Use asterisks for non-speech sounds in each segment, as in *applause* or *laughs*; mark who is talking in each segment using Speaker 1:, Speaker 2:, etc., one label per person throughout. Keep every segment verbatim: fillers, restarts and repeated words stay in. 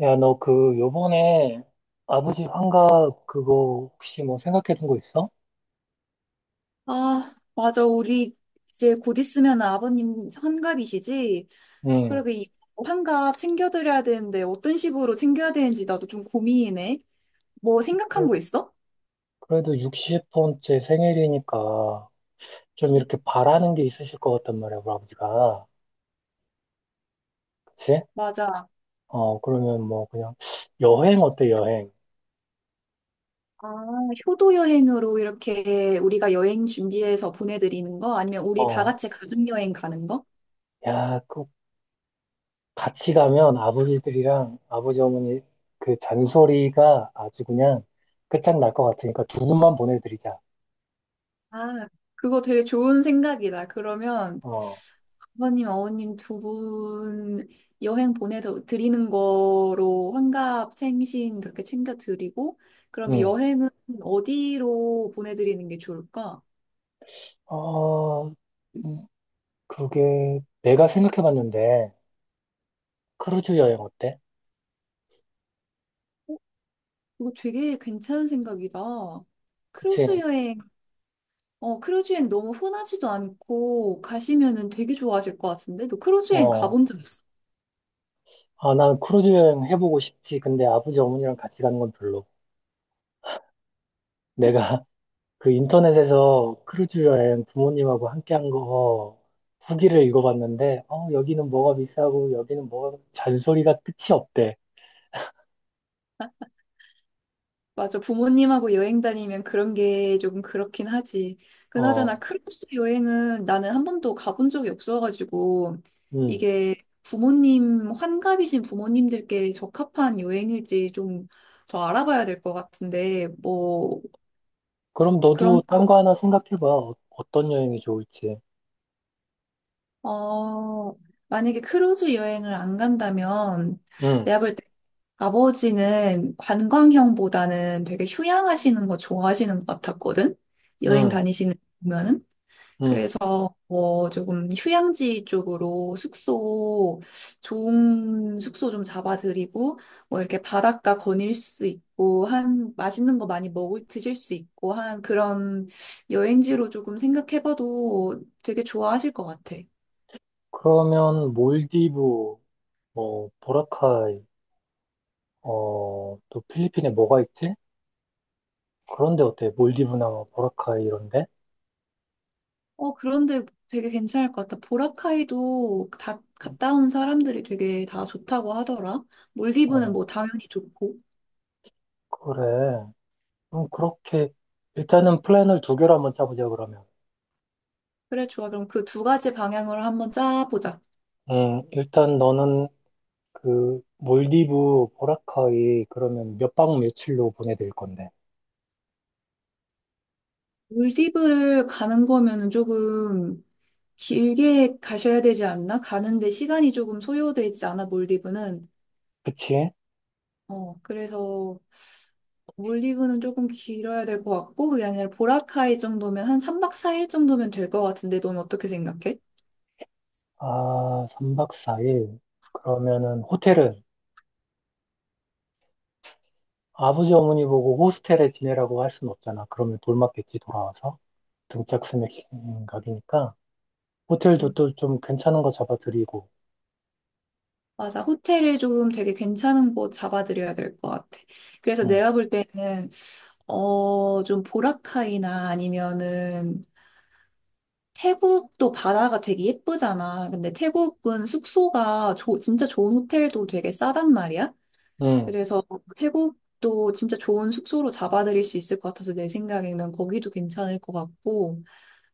Speaker 1: 야, 너 그, 요번에 아버지 환갑 그거 혹시 뭐 생각해 둔 거 있어?
Speaker 2: 아, 맞아. 우리 이제 곧 있으면 아버님 환갑이시지?
Speaker 1: 응.
Speaker 2: 그리고 이 환갑 챙겨드려야 되는데 어떤 식으로 챙겨야 되는지 나도 좀 고민이네. 뭐 생각한
Speaker 1: 그래-
Speaker 2: 거 있어?
Speaker 1: 그래도 예순 번째 생일이니까 좀 이렇게 바라는 게 있으실 것 같단 말이야, 우리 아버지가. 그치?
Speaker 2: 맞아.
Speaker 1: 어, 그러면 뭐 그냥 여행 어때, 여행?
Speaker 2: 아, 효도 여행으로 이렇게 우리가 여행 준비해서 보내드리는 거? 아니면 우리 다
Speaker 1: 어,
Speaker 2: 같이 가족 여행 가는 거?
Speaker 1: 야, 그 같이 가면 아버지들이랑 아버지 어머니 그 잔소리가 아주 그냥 끝장날 것 같으니까 두 분만 보내드리자.
Speaker 2: 아, 그거 되게 좋은 생각이다. 그러면
Speaker 1: 어,
Speaker 2: 아버님, 어머님 두 분 여행 보내드리는 거로 환갑 생신 그렇게 챙겨드리고, 그러면
Speaker 1: 응.
Speaker 2: 여행은 어디로 보내드리는 게 좋을까?
Speaker 1: 어, 그게 내가 생각해봤는데 크루즈 여행 어때?
Speaker 2: 어, 이거 되게 괜찮은 생각이다. 크루즈
Speaker 1: 그치?
Speaker 2: 여행, 어, 크루즈 여행 너무 흔하지도 않고 가시면은 되게 좋아하실 것 같은데? 너 크루즈 여행
Speaker 1: 어,
Speaker 2: 가본 적 있어?
Speaker 1: 아, 난 크루즈 여행 해보고 싶지. 근데 아버지 어머니랑 같이 가는 건 별로. 내가 *laughs* 그 인터넷에서 크루즈 여행 부모님하고 함께 한거 어, 후기를 읽어봤는데, 어, 여기는 뭐가 비싸고 여기는 뭐가 잔소리가 끝이 없대.
Speaker 2: 맞아. 부모님하고 여행 다니면 그런 게 조금 그렇긴 하지. 그나저나
Speaker 1: 어,
Speaker 2: 크루즈 여행은 나는 한 번도 가본 적이 없어가지고
Speaker 1: 음.
Speaker 2: 이게 부모님, 환갑이신 부모님들께 적합한 여행일지 좀 더 알아봐야 될 것 같은데, 뭐,
Speaker 1: 그럼 너도
Speaker 2: 그런,
Speaker 1: 딴 거 하나 생각해봐. 어, 어떤 여행이 좋을지.
Speaker 2: 어, 만약에 크루즈 여행을 안 간다면
Speaker 1: 응,
Speaker 2: 내가 볼 때 아버지는 관광형보다는 되게 휴양하시는 거 좋아하시는 것 같았거든? 여행
Speaker 1: 응,
Speaker 2: 다니시는 거 보면은.
Speaker 1: 응.
Speaker 2: 뭐 조금 휴양지 쪽으로 숙소 좋은 숙소 좀 잡아드리고 뭐 이렇게 바닷가 거닐 수 있고 한 맛있는 거 많이 먹을 드실 수 있고 한 그런 여행지로 조금 생각해봐도 되게 좋아하실 것 같아.
Speaker 1: 그러면 몰디브, 뭐 보라카이. 어, 또 필리핀에 뭐가 있지? 그런데 어때? 몰디브나 뭐 보라카이 이런데?
Speaker 2: 어 그런데 되게 괜찮을 것 같아. 보라카이도 다 갔다 온 사람들이 되게 다 좋다고 하더라. 몰디브는
Speaker 1: 어,
Speaker 2: 뭐 당연히 좋고.
Speaker 1: 그래. 그럼 그렇게 일단은 플랜을 두 개로 한번 짜보자 그러면.
Speaker 2: 그래 좋아. 그럼 그 두 가지 방향으로 한번 짜보자.
Speaker 1: 음, 일단 너는 그 몰디브 보라카이 그러면 몇 박 며칠로 보내드릴 건데.
Speaker 2: 몰디브를 가는 거면은 조금 길게 가셔야 되지 않나? 가는데 시간이 조금 소요되지 않아, 몰디브는.
Speaker 1: 그치?
Speaker 2: 어, 그래서 몰디브는 조금 길어야 될 것 같고, 그게 아니라 보라카이 정도면 한 삼 박 사 일 정도면 될 것 같은데, 넌 어떻게 생각해?
Speaker 1: 아, 삼 박 사 일. 그러면은 호텔은 아버지 어머니 보고 호스텔에 지내라고 할 순 없잖아. 그러면 돌 맞겠지 돌아와서. 등짝 스매싱 각이니까. 호텔도 또 좀 괜찮은 거 잡아드리고,
Speaker 2: 맞아, 호텔을 조금 되게 괜찮은 곳 잡아드려야 될 것 같아. 그래서
Speaker 1: 응,
Speaker 2: 내가 볼 때는, 어, 좀 보라카이나 아니면은 태국도 바다가 되게 예쁘잖아. 근데 태국은 숙소가 조- 진짜 좋은 호텔도 되게 싸단 말이야.
Speaker 1: 응,
Speaker 2: 그래서 태국도 진짜 좋은 숙소로 잡아들일 수 있을 것 같아서 내 생각에는 거기도 괜찮을 것 같고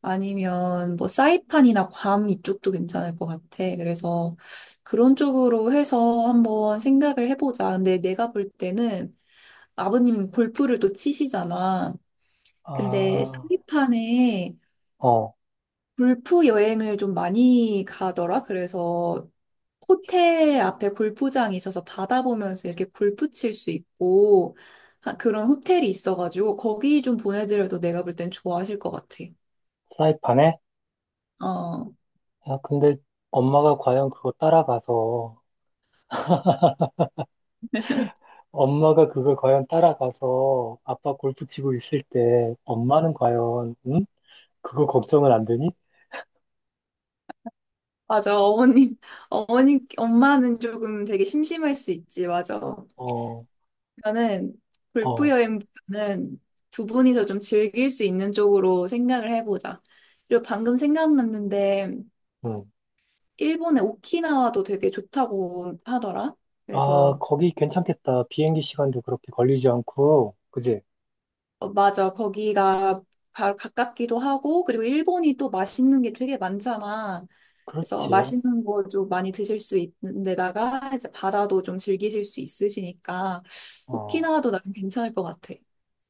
Speaker 2: 아니면 뭐 사이판이나 괌 이쪽도 괜찮을 것 같아. 그래서 그런 쪽으로 해서 한번 생각을 해보자. 근데 내가 볼 때는 아버님이 골프를 또 치시잖아. 근데
Speaker 1: 아,
Speaker 2: 사이판에
Speaker 1: 어,
Speaker 2: 골프 여행을 좀 많이 가더라. 그래서 호텔 앞에 골프장이 있어서 바다 보면서 이렇게 골프 칠 수 있고 하- 그런 호텔이 있어가지고 거기 좀 보내드려도 내가 볼 땐 좋아하실 것 같아.
Speaker 1: 사이판에?
Speaker 2: 어,
Speaker 1: 아, 근데 엄마가 과연 그거 따라가서, 엄마가 그걸 과연 따라가서 아빠 골프 치고 있을 때, 엄마는 과연, 응? 그거 걱정을 안 되니?
Speaker 2: 맞아. 어머님, 어머니, 엄마는 조금 되게 심심할 수 있지. 맞아.
Speaker 1: 어,
Speaker 2: 그러면은 골프
Speaker 1: 어,
Speaker 2: 여행보다는 두 분이서 좀 즐길 수 있는 쪽으로 생각을 해보자. 그리고 방금 생각났는데
Speaker 1: 응.
Speaker 2: 일본의 오키나와도 되게 좋다고 하더라.
Speaker 1: 아,
Speaker 2: 그래서
Speaker 1: 거기 괜찮겠다. 비행기 시간도 그렇게 걸리지 않고, 그지?
Speaker 2: 어, 맞아. 거기가 바로 가깝기도 하고 그리고 일본이 또 맛있는 게 되게 많잖아. 그래서
Speaker 1: 그렇지.
Speaker 2: 맛있는 거 좀 많이 드실 수 있는 데다가 이제 바다도 좀 즐기실 수 있으시니까
Speaker 1: 어.
Speaker 2: 오키나와도 나는 괜찮을 것 같아.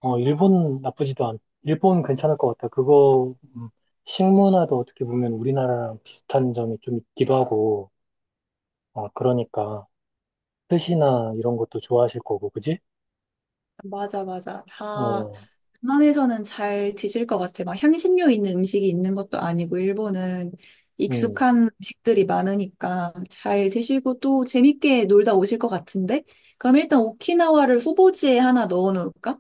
Speaker 1: 어, 일본 나쁘지도 않, 일본 괜찮을 것 같아. 그거, 음, 식문화도 어떻게 보면 우리나라랑 비슷한 점이 좀 있기도 하고, 어, 그러니까, 뜻이나 이런 것도 좋아하실 거고, 그지?
Speaker 2: 맞아, 맞아. 다,
Speaker 1: 어,
Speaker 2: 웬만해서는 잘 드실 것 같아. 막 향신료 있는 음식이 있는 것도 아니고, 일본은
Speaker 1: 음,
Speaker 2: 익숙한 음식들이 많으니까 잘 드시고 또 재밌게 놀다 오실 것 같은데? 그럼 일단 오키나와를 후보지에 하나 넣어 놓을까?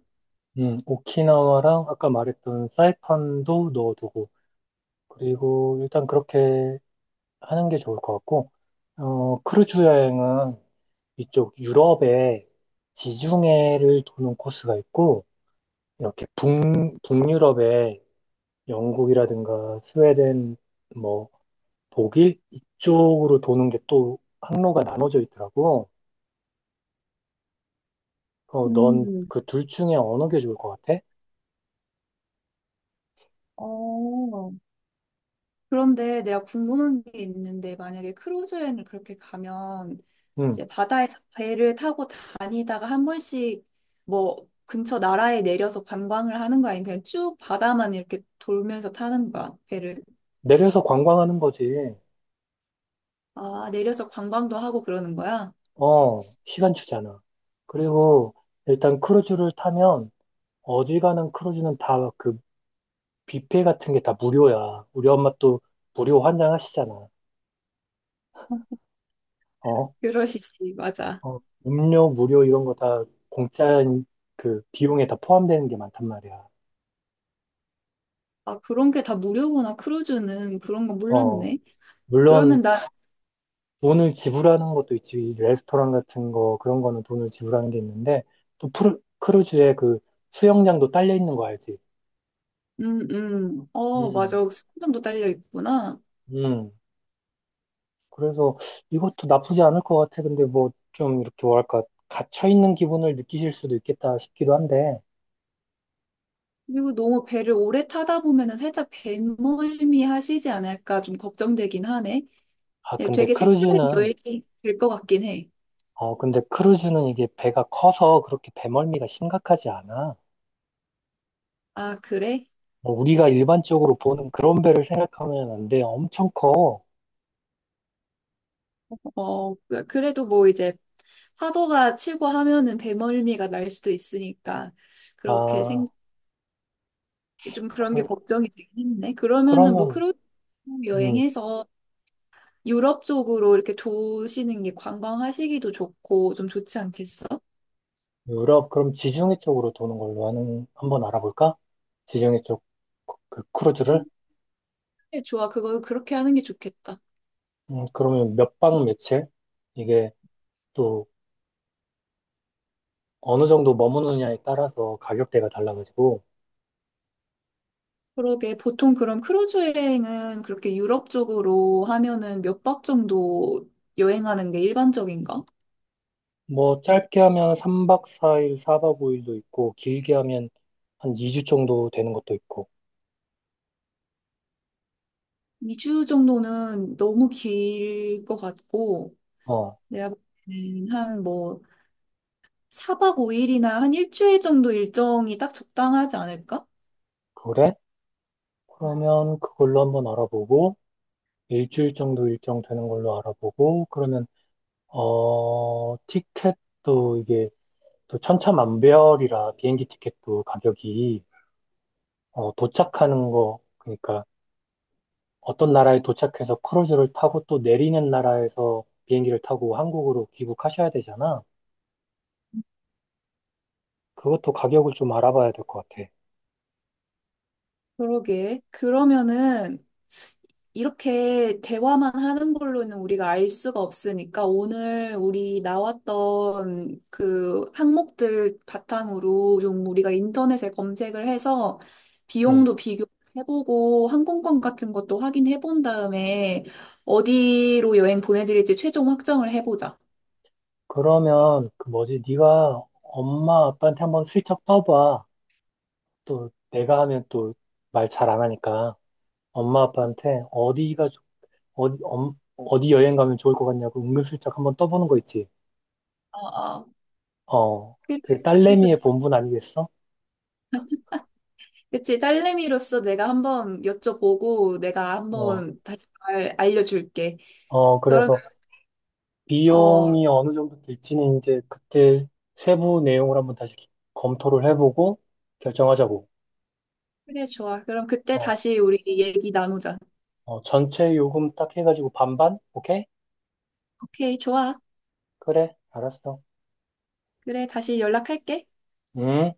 Speaker 1: 음, 오키나와랑 아까 말했던 사이판도 넣어두고, 그리고 일단 그렇게 하는 게 좋을 것 같고, 어, 크루즈 여행은 이쪽 유럽에 지중해를 도는 코스가 있고, 이렇게 북, 북유럽에 영국이라든가 스웨덴, 뭐 독일 이쪽으로 도는 게 또 항로가 나눠져 있더라고. 어, 넌
Speaker 2: 음,
Speaker 1: 그 둘 중에 어느 게 좋을 것 같아?
Speaker 2: 어. 그런데 내가 궁금한 게 있는데, 만약에 크루즈 여행을 그렇게 가면
Speaker 1: 응.
Speaker 2: 이제 바다에 서 배를 타고 다니다가 한 번씩 뭐 근처 나라에 내려서 관광을 하는 거야? 아니면 그냥 쭉 바다만 이렇게 돌면서 타는 거야, 배를?
Speaker 1: 내려서 관광하는 거지.
Speaker 2: 아, 내려서 관광도 하고 그러는 거야?
Speaker 1: 어, 시간 주잖아. 그리고 일단 크루즈를 타면 어지간한 크루즈는 다 그 뷔페 같은 게 다 무료야. 우리 엄마 또 무료 환장하시잖아.
Speaker 2: 어,
Speaker 1: 어,
Speaker 2: 그러시지, 맞아.
Speaker 1: 어, 음료 무료 이런 거 다 공짜 그 비용에 다 포함되는 게 많단 말이야.
Speaker 2: 아, 그런 게 다 무료구나, 크루즈는. 그런 거
Speaker 1: 어,
Speaker 2: 몰랐네. 그러면
Speaker 1: 물론
Speaker 2: 나,
Speaker 1: 돈을 지불하는 것도 있지, 레스토랑 같은 거, 그런 거는 돈을 지불하는 게 있는데, 또 프루, 크루즈에 그 수영장도 딸려 있는 거 알지?
Speaker 2: 음, 음, 어, 맞아.
Speaker 1: 음,
Speaker 2: 숙박권도 딸려 있구나.
Speaker 1: 음. 그래서 이것도 나쁘지 않을 것 같아. 근데 뭐 좀 이렇게 뭐랄까, 갇혀 있는 기분을 느끼실 수도 있겠다 싶기도 한데,
Speaker 2: 그리고 너무 배를 오래 타다 보면은 살짝 배멀미 하시지 않을까 좀 걱정되긴 하네.
Speaker 1: 아,
Speaker 2: 네,
Speaker 1: 근데
Speaker 2: 되게 색다른
Speaker 1: 크루즈는,
Speaker 2: 여행이 될 것 같긴 해.
Speaker 1: 어, 근데 크루즈는 이게 배가 커서 그렇게 배멀미가 심각하지 않아.
Speaker 2: 아, 그래?
Speaker 1: 뭐 우리가 일반적으로 보는 그런 배를 생각하면 안 돼. 엄청 커.
Speaker 2: 어, 그래도 뭐 이제 파도가 치고 하면은 배멀미가 날 수도 있으니까 그렇게 생,
Speaker 1: 아,
Speaker 2: 좀 그런 게
Speaker 1: 그,
Speaker 2: 걱정이 되긴 했네. 그러면은 뭐
Speaker 1: 그러면
Speaker 2: 크루즈
Speaker 1: 음,
Speaker 2: 여행해서 유럽 쪽으로 이렇게 도시는 게 관광하시기도 좋고 좀 좋지 않겠어?
Speaker 1: 유럽, 그럼 지중해 쪽으로 도는 걸로 하는, 한번 알아볼까? 지중해 쪽, 그, 그
Speaker 2: 음,
Speaker 1: 크루즈를?
Speaker 2: 그래, 좋아. 그거 그렇게 하는 게 좋겠다.
Speaker 1: 음, 그러면 몇 박 며칠? 이게 또 어느 정도 머무느냐에 따라서 가격대가 달라가지고,
Speaker 2: 그러게 보통 그럼 크루즈 여행은 그렇게 유럽 쪽으로 하면은 몇 박 정도 여행하는 게 일반적인가?
Speaker 1: 뭐 짧게 하면 삼 박 사 일, 사 박 오 일도 있고, 길게 하면 한 이 주 정도 되는 것도 있고,
Speaker 2: 이 주 정도는 너무 길 것 같고,
Speaker 1: 어,
Speaker 2: 내가 볼 때는 한 뭐, 사 박 오 일이나 한 일주일 정도 일정이 딱 적당하지 않을까?
Speaker 1: 그래? 그러면 그걸로 한번 알아보고, 일주일 정도 일정 되는 걸로 알아보고, 그러면, 어, 티켓도 이게, 또 천차만별이라 비행기 티켓도 가격이 어, 도착하는 거 그러니까 어떤 나라에 도착해서 크루즈를 타고 또 내리는 나라에서 비행기를 타고 한국으로 귀국하셔야 되잖아. 그것도 가격을 좀 알아봐야 될 것 같아.
Speaker 2: 그러게. 그러면은, 이렇게 대화만 하는 걸로는 우리가 알 수가 없으니까 오늘 우리 나왔던 그 항목들 바탕으로 좀 우리가 인터넷에 검색을 해서
Speaker 1: 응.
Speaker 2: 비용도 비교해보고 항공권 같은 것도 확인해 본 다음에 어디로 여행 보내드릴지 최종 확정을 해보자.
Speaker 1: 그러면 그 뭐지? 네가 엄마 아빠한테 한번 슬쩍 떠봐. 또 내가 하면 또 말 잘 안 하니까 엄마 아빠한테 어디가 좋- 어디 엄- 어디 여행 가면 좋을 것 같냐고 은근슬쩍 한번 떠보는 거 있지.
Speaker 2: 어, 어.
Speaker 1: 어,
Speaker 2: 그-
Speaker 1: 그
Speaker 2: 그래서
Speaker 1: 딸내미의 본분 아니겠어?
Speaker 2: 그치 딸내미로서 내가 한번 여쭤보고 내가
Speaker 1: 어,
Speaker 2: 한번 다시 말 알려줄게.
Speaker 1: 어,
Speaker 2: 그럼
Speaker 1: 그래서
Speaker 2: 어
Speaker 1: 비용이 어느 정도 들지는 이제 그때 세부 내용을 한번 다시 검토를 해보고 결정하자고.
Speaker 2: 그래, 좋아. 그럼 그때
Speaker 1: 어,
Speaker 2: 다시 우리 얘기 나누자.
Speaker 1: 어, 전체 요금 딱 해가지고 반반? 오케이?
Speaker 2: 오케이, 좋아.
Speaker 1: 그래, 알았어.
Speaker 2: 그래, 다시 연락할게.
Speaker 1: 음.